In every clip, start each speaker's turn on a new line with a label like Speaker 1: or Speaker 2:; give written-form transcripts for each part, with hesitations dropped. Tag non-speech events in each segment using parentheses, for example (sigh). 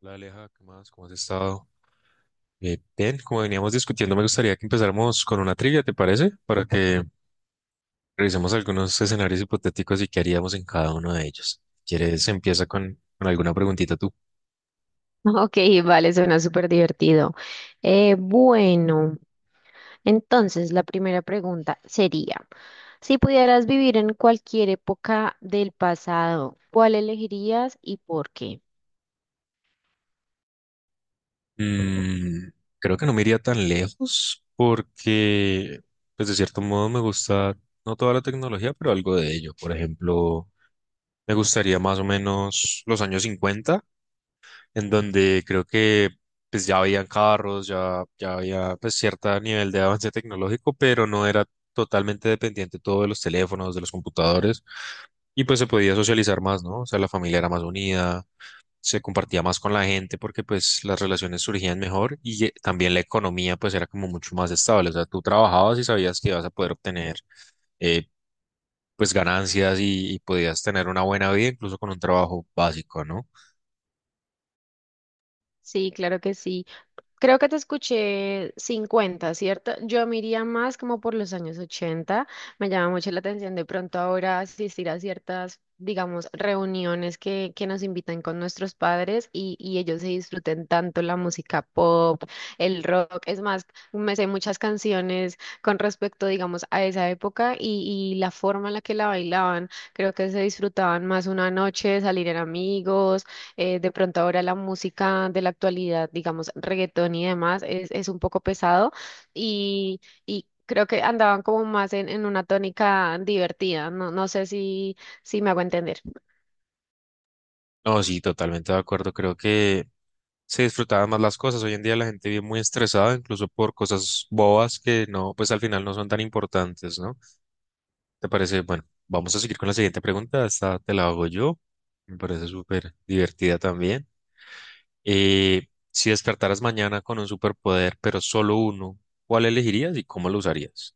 Speaker 1: Hola Aleja, ¿qué más? ¿Cómo has estado? Bien, como veníamos discutiendo, me gustaría que empezáramos con una trivia, ¿te parece? Para que revisemos algunos escenarios hipotéticos y qué haríamos en cada uno de ellos. Si, ¿quieres? Empieza con alguna preguntita tú.
Speaker 2: Ok, vale, suena súper divertido. Eh, bueno, entonces la primera pregunta sería, si pudieras vivir en cualquier época del pasado, ¿cuál elegirías y por qué?
Speaker 1: Mm, Creo que no me iría tan lejos porque, pues de cierto modo, me gusta no toda la tecnología, pero algo de ello. Por ejemplo, me gustaría más o menos los años 50, en donde creo que pues ya habían carros, ya, ya había pues cierto nivel de avance tecnológico, pero no era totalmente dependiente todo de los teléfonos, de los computadores, y pues se podía socializar más, ¿no? O sea, la familia era más unida, se compartía más con la gente porque pues las relaciones surgían mejor y también la economía pues era como mucho más estable, o sea, tú trabajabas y sabías que ibas a poder obtener eh, pues ganancias y podías tener una buena vida incluso con un trabajo básico, ¿no?
Speaker 2: Sí, claro que sí. Creo que te escuché 50, ¿cierto? Yo me iría más como por los años 80. Me llama mucho la atención de pronto ahora asistir a ciertas, digamos, reuniones que nos invitan con nuestros padres y ellos se disfruten tanto la música pop, el rock. Es más, me sé muchas canciones con respecto, digamos, a esa época y la forma en la que la bailaban. Creo que se disfrutaban más una noche, salir en amigos de pronto ahora la música de la actualidad, digamos, reggaetón y demás, es un poco pesado y creo que andaban como más en una tónica divertida. No, no sé si, si me hago entender.
Speaker 1: No, sí, totalmente de acuerdo. Creo que se disfrutaban más las cosas. Hoy en día la gente vive muy estresada, incluso por cosas bobas que no, pues al final no son tan importantes, ¿no? ¿Te parece? Bueno, vamos a seguir con la siguiente pregunta. Esta te la hago yo. Me parece súper divertida también. Si despertaras mañana con un superpoder, pero solo uno, ¿cuál elegirías y cómo lo usarías?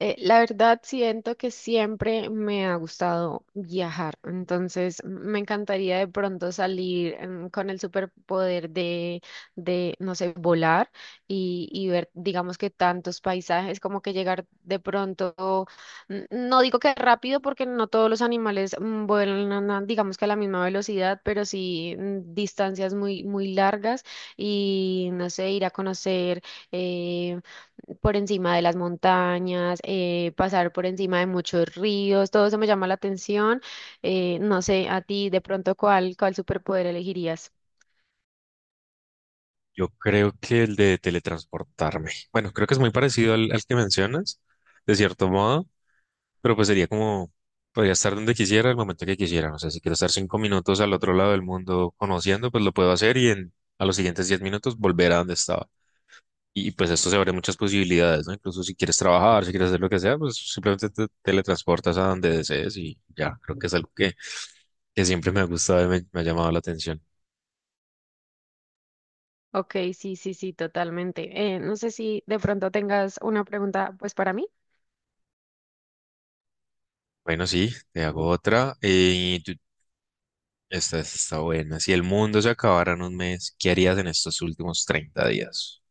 Speaker 2: La verdad siento que siempre me ha gustado viajar, entonces me encantaría de pronto salir con el superpoder de, no sé, volar y ver, digamos que tantos paisajes, como que llegar de pronto, no digo que rápido porque no todos los animales vuelan, digamos que a la misma velocidad, pero sí distancias muy, muy largas y, no sé, ir a conocer. eh, por encima de las montañas, pasar por encima de muchos ríos, todo eso me llama la atención. No sé, a ti de pronto cuál superpoder elegirías.
Speaker 1: Yo creo que el de teletransportarme. Bueno, creo que es muy parecido al que mencionas, de cierto modo, pero pues sería como, podría estar donde quisiera, el momento que quisiera. O sea, si quiero estar 5 minutos al otro lado del mundo conociendo, pues lo puedo hacer y a los siguientes 10 minutos volver a donde estaba. Y pues esto se abre muchas posibilidades, ¿no? Incluso si quieres trabajar, si quieres hacer lo que sea, pues simplemente te teletransportas a donde desees y ya, creo que es algo que siempre me ha gustado y me ha llamado la atención.
Speaker 2: Ok, sí, sí, sí, totalmente. No sé si de pronto tengas una pregunta pues para mí.
Speaker 1: Bueno, sí, te hago otra. Esta está buena. Si el mundo se acabara en un mes, ¿qué harías en estos últimos 30 días?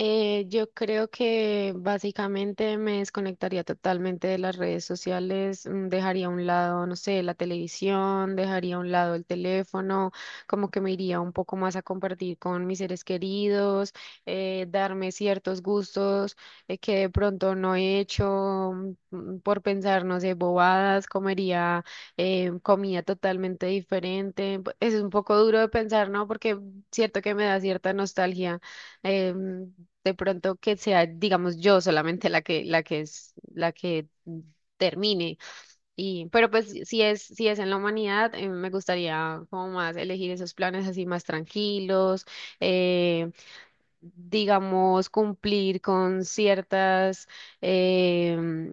Speaker 2: Yo creo que básicamente me desconectaría totalmente de las redes sociales, dejaría a un lado, no sé, la televisión, dejaría a un lado el teléfono, como que me iría un poco más a compartir con mis seres queridos, darme ciertos gustos que de pronto no he hecho por pensar, no sé, bobadas, comería comida totalmente diferente. Es un poco duro de pensar, ¿no? Porque cierto que me da cierta nostalgia. em, de pronto que sea, digamos, yo solamente la que termine. Y, pero pues si es en la humanidad, me gustaría como más elegir esos planes así más tranquilos, eh, digamos, cumplir con em,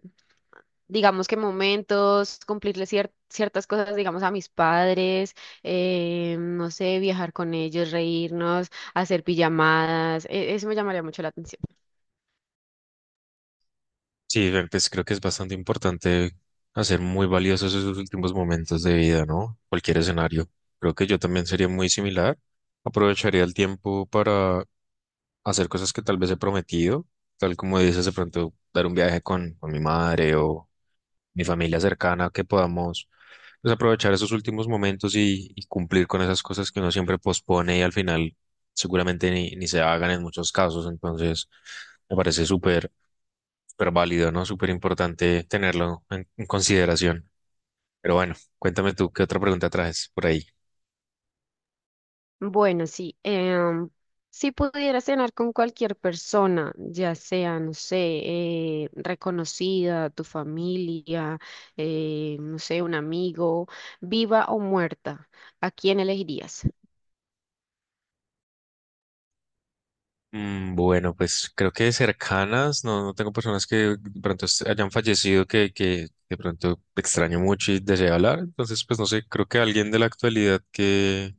Speaker 2: digamos que momentos, cumplirle ciertas cosas, digamos, a mis padres, no sé, viajar con ellos, reírnos, hacer pijamadas, eso me llamaría mucho la atención.
Speaker 1: Sí, ver, pues creo que es bastante importante hacer muy valiosos esos últimos momentos de vida, ¿no? Cualquier escenario. Creo que yo también sería muy similar. Aprovecharía el tiempo para hacer cosas que tal vez he prometido, tal como dices, de pronto dar un viaje con, mi madre o mi familia cercana, que podamos pues, aprovechar esos últimos momentos y cumplir con esas cosas que uno siempre pospone y al final seguramente ni se hagan en muchos casos. Entonces, me parece súper, súper válido, ¿no? Súper importante tenerlo en consideración. Pero bueno, cuéntame tú, ¿qué otra pregunta traes por ahí?
Speaker 2: Bueno, sí. Si pudiera cenar con cualquier persona, ya sea, no sé, reconocida, tu familia, no sé, un amigo, viva o muerta, ¿a quién elegirías?
Speaker 1: Bueno, pues creo que cercanas, no tengo personas que de pronto est- hayan fallecido que de pronto extraño mucho y deseo hablar, entonces pues no sé, creo que alguien de la actualidad que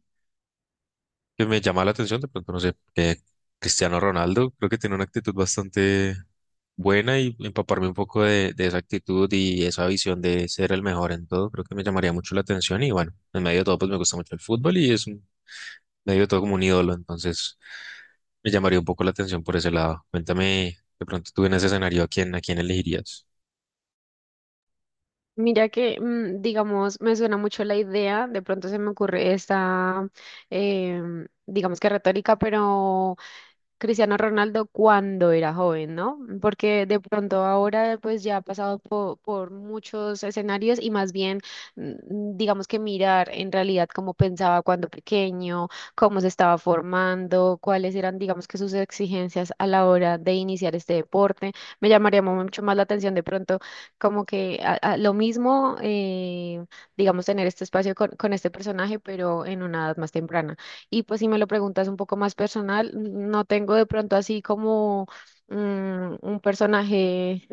Speaker 1: que me llama la atención, de pronto no sé, que Cristiano Ronaldo creo que tiene una actitud bastante buena y empaparme un poco de esa actitud y esa visión de ser el mejor en todo, creo que me llamaría mucho la atención y bueno, en medio de todo pues me gusta mucho el fútbol y medio de todo como un ídolo, entonces me llamaría un poco la atención por ese lado. Cuéntame, de pronto tú en ese escenario, a quién elegirías?
Speaker 2: Mira que, digamos, me suena mucho la idea, de pronto se me ocurre esta, digamos que retórica, pero Cristiano Ronaldo cuando era joven, ¿no? Porque de pronto ahora pues ya ha pasado por muchos escenarios y más bien digamos que mirar en realidad cómo pensaba cuando pequeño, cómo se estaba formando, cuáles eran digamos que sus exigencias a la hora de iniciar este deporte. Me llamaría mucho más la atención de pronto como que a lo mismo digamos tener este espacio con este personaje pero en una edad más temprana. Y pues si me lo preguntas un poco más personal, no tengo de pronto así como un personaje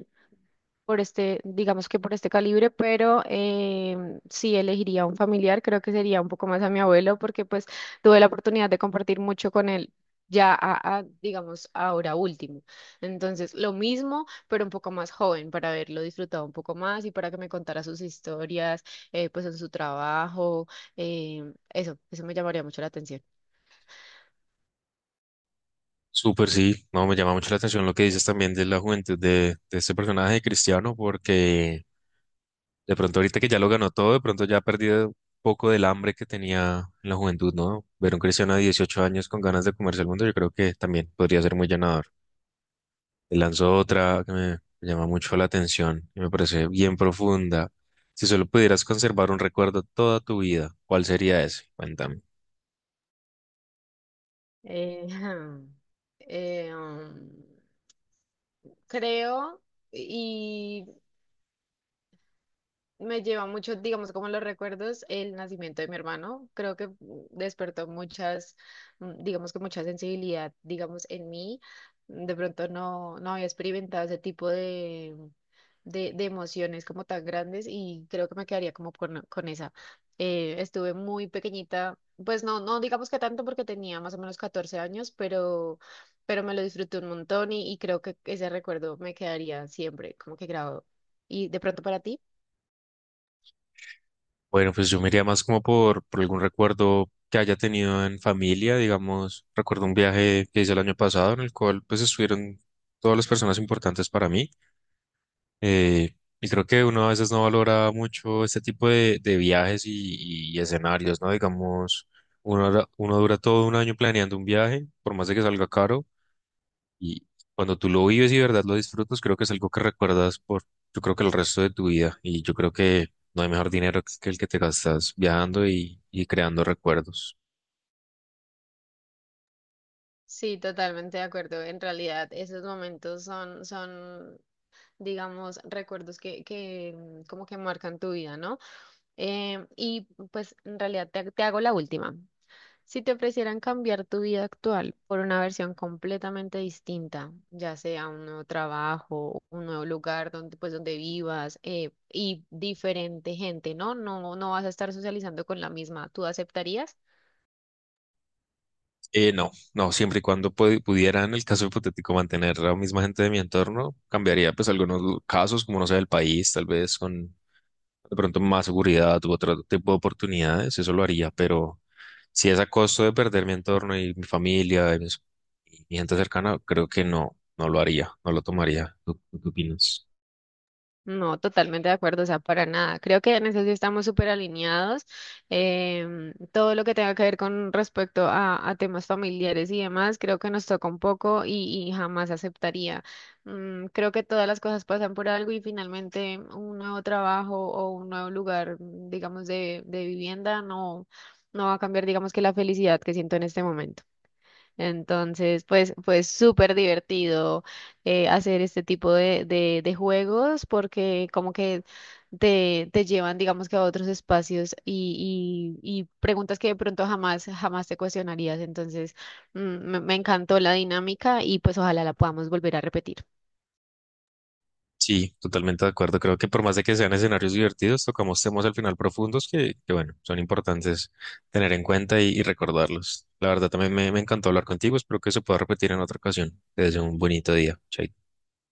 Speaker 2: por este, digamos que por este calibre, pero sí elegiría un familiar, creo que sería un poco más a mi abuelo, porque pues tuve la oportunidad de compartir mucho con él. Ya digamos, ahora último. Entonces, lo mismo, pero un poco más joven, para haberlo disfrutado un poco más y para que me contara sus historias, pues en su trabajo, eso me llamaría mucho la atención.
Speaker 1: Súper, sí, no, me llama mucho la atención lo que dices también de la juventud de este personaje de Cristiano, porque de pronto ahorita que ya lo ganó todo, de pronto ya ha perdido un poco del hambre que tenía en la juventud, ¿no? Ver a un cristiano de 18 años con ganas de comerse el mundo, yo creo que también podría ser muy llenador. Le lanzó otra que me llama mucho la atención y me parece bien profunda. Si solo pudieras conservar un recuerdo toda tu vida, ¿cuál sería ese? Cuéntame.
Speaker 2: Eh, (laughs) (clears throat) eh, um, creo, y me lleva mucho, digamos, como los recuerdos, el nacimiento de mi hermano. Creo que despertó digamos que mucha sensibilidad, digamos, en mí. De pronto no, no había experimentado ese tipo de emociones como tan grandes y creo que me quedaría como con esa. Estuve muy pequeñita, pues no, no digamos que tanto porque tenía más o menos 14 años, pero me lo disfruté un montón y creo que ese recuerdo me quedaría siempre como que grabado. ¿Y de pronto para ti?
Speaker 1: Bueno, pues yo me iría más como por, algún recuerdo que haya tenido en familia, digamos. Recuerdo un viaje que hice el año pasado en el cual pues estuvieron todas las personas importantes para mí. Eh, y creo que uno a veces no valora mucho este tipo de viajes y escenarios, ¿no? Digamos, uno dura todo un año planeando un viaje, por más de que salga caro, y cuando tú lo vives y de verdad lo disfrutas, creo que es algo que recuerdas por, yo creo que el resto de tu vida, y yo creo que no hay mejor dinero que el que te gastas viajando y creando recuerdos.
Speaker 2: Sí, totalmente de acuerdo. En realidad, esos momentos digamos, recuerdos que, como que marcan tu vida, ¿no? Y pues en realidad te hago la última. Si te ofrecieran cambiar tu vida actual por una versión completamente distinta, ya sea un nuevo trabajo, un nuevo lugar donde, pues, donde vivas y diferente gente, ¿no? No, no vas a estar socializando con la misma, ¿tú aceptarías?
Speaker 1: No, no, siempre y cuando pudiera, en el caso hipotético, mantener a la misma gente de mi entorno, cambiaría pues algunos casos, como no sé, el país, tal vez con de pronto más seguridad u otro tipo de oportunidades, eso lo haría, pero si es a costo de perder mi entorno y mi familia y mis- y mi gente cercana, creo que no, no lo haría, no lo tomaría. ¿Tú qué opinas?
Speaker 2: No, totalmente de acuerdo, o sea, para nada. Creo que en eso sí estamos súper alineados. Todo lo que tenga que ver con respecto a temas familiares y demás, creo que nos toca un poco y jamás aceptaría. Creo que todas las cosas pasan por algo y finalmente un nuevo trabajo o un nuevo lugar, digamos, de vivienda no, no va a cambiar, digamos, que la felicidad que siento en este momento. Entonces, pues, pues súper divertido hacer este tipo de juegos porque como que te llevan, digamos que a otros espacios y preguntas que de pronto jamás, jamás te cuestionarías. Entonces, me encantó la dinámica y pues ojalá la podamos volver a repetir.
Speaker 1: Sí, totalmente de acuerdo. Creo que por más de que sean escenarios divertidos, tocamos temas al final profundos que, bueno, son importantes tener en cuenta y recordarlos. La verdad, también me encantó hablar contigo. Espero que se pueda repetir en otra ocasión. Te deseo un bonito día. Chaito.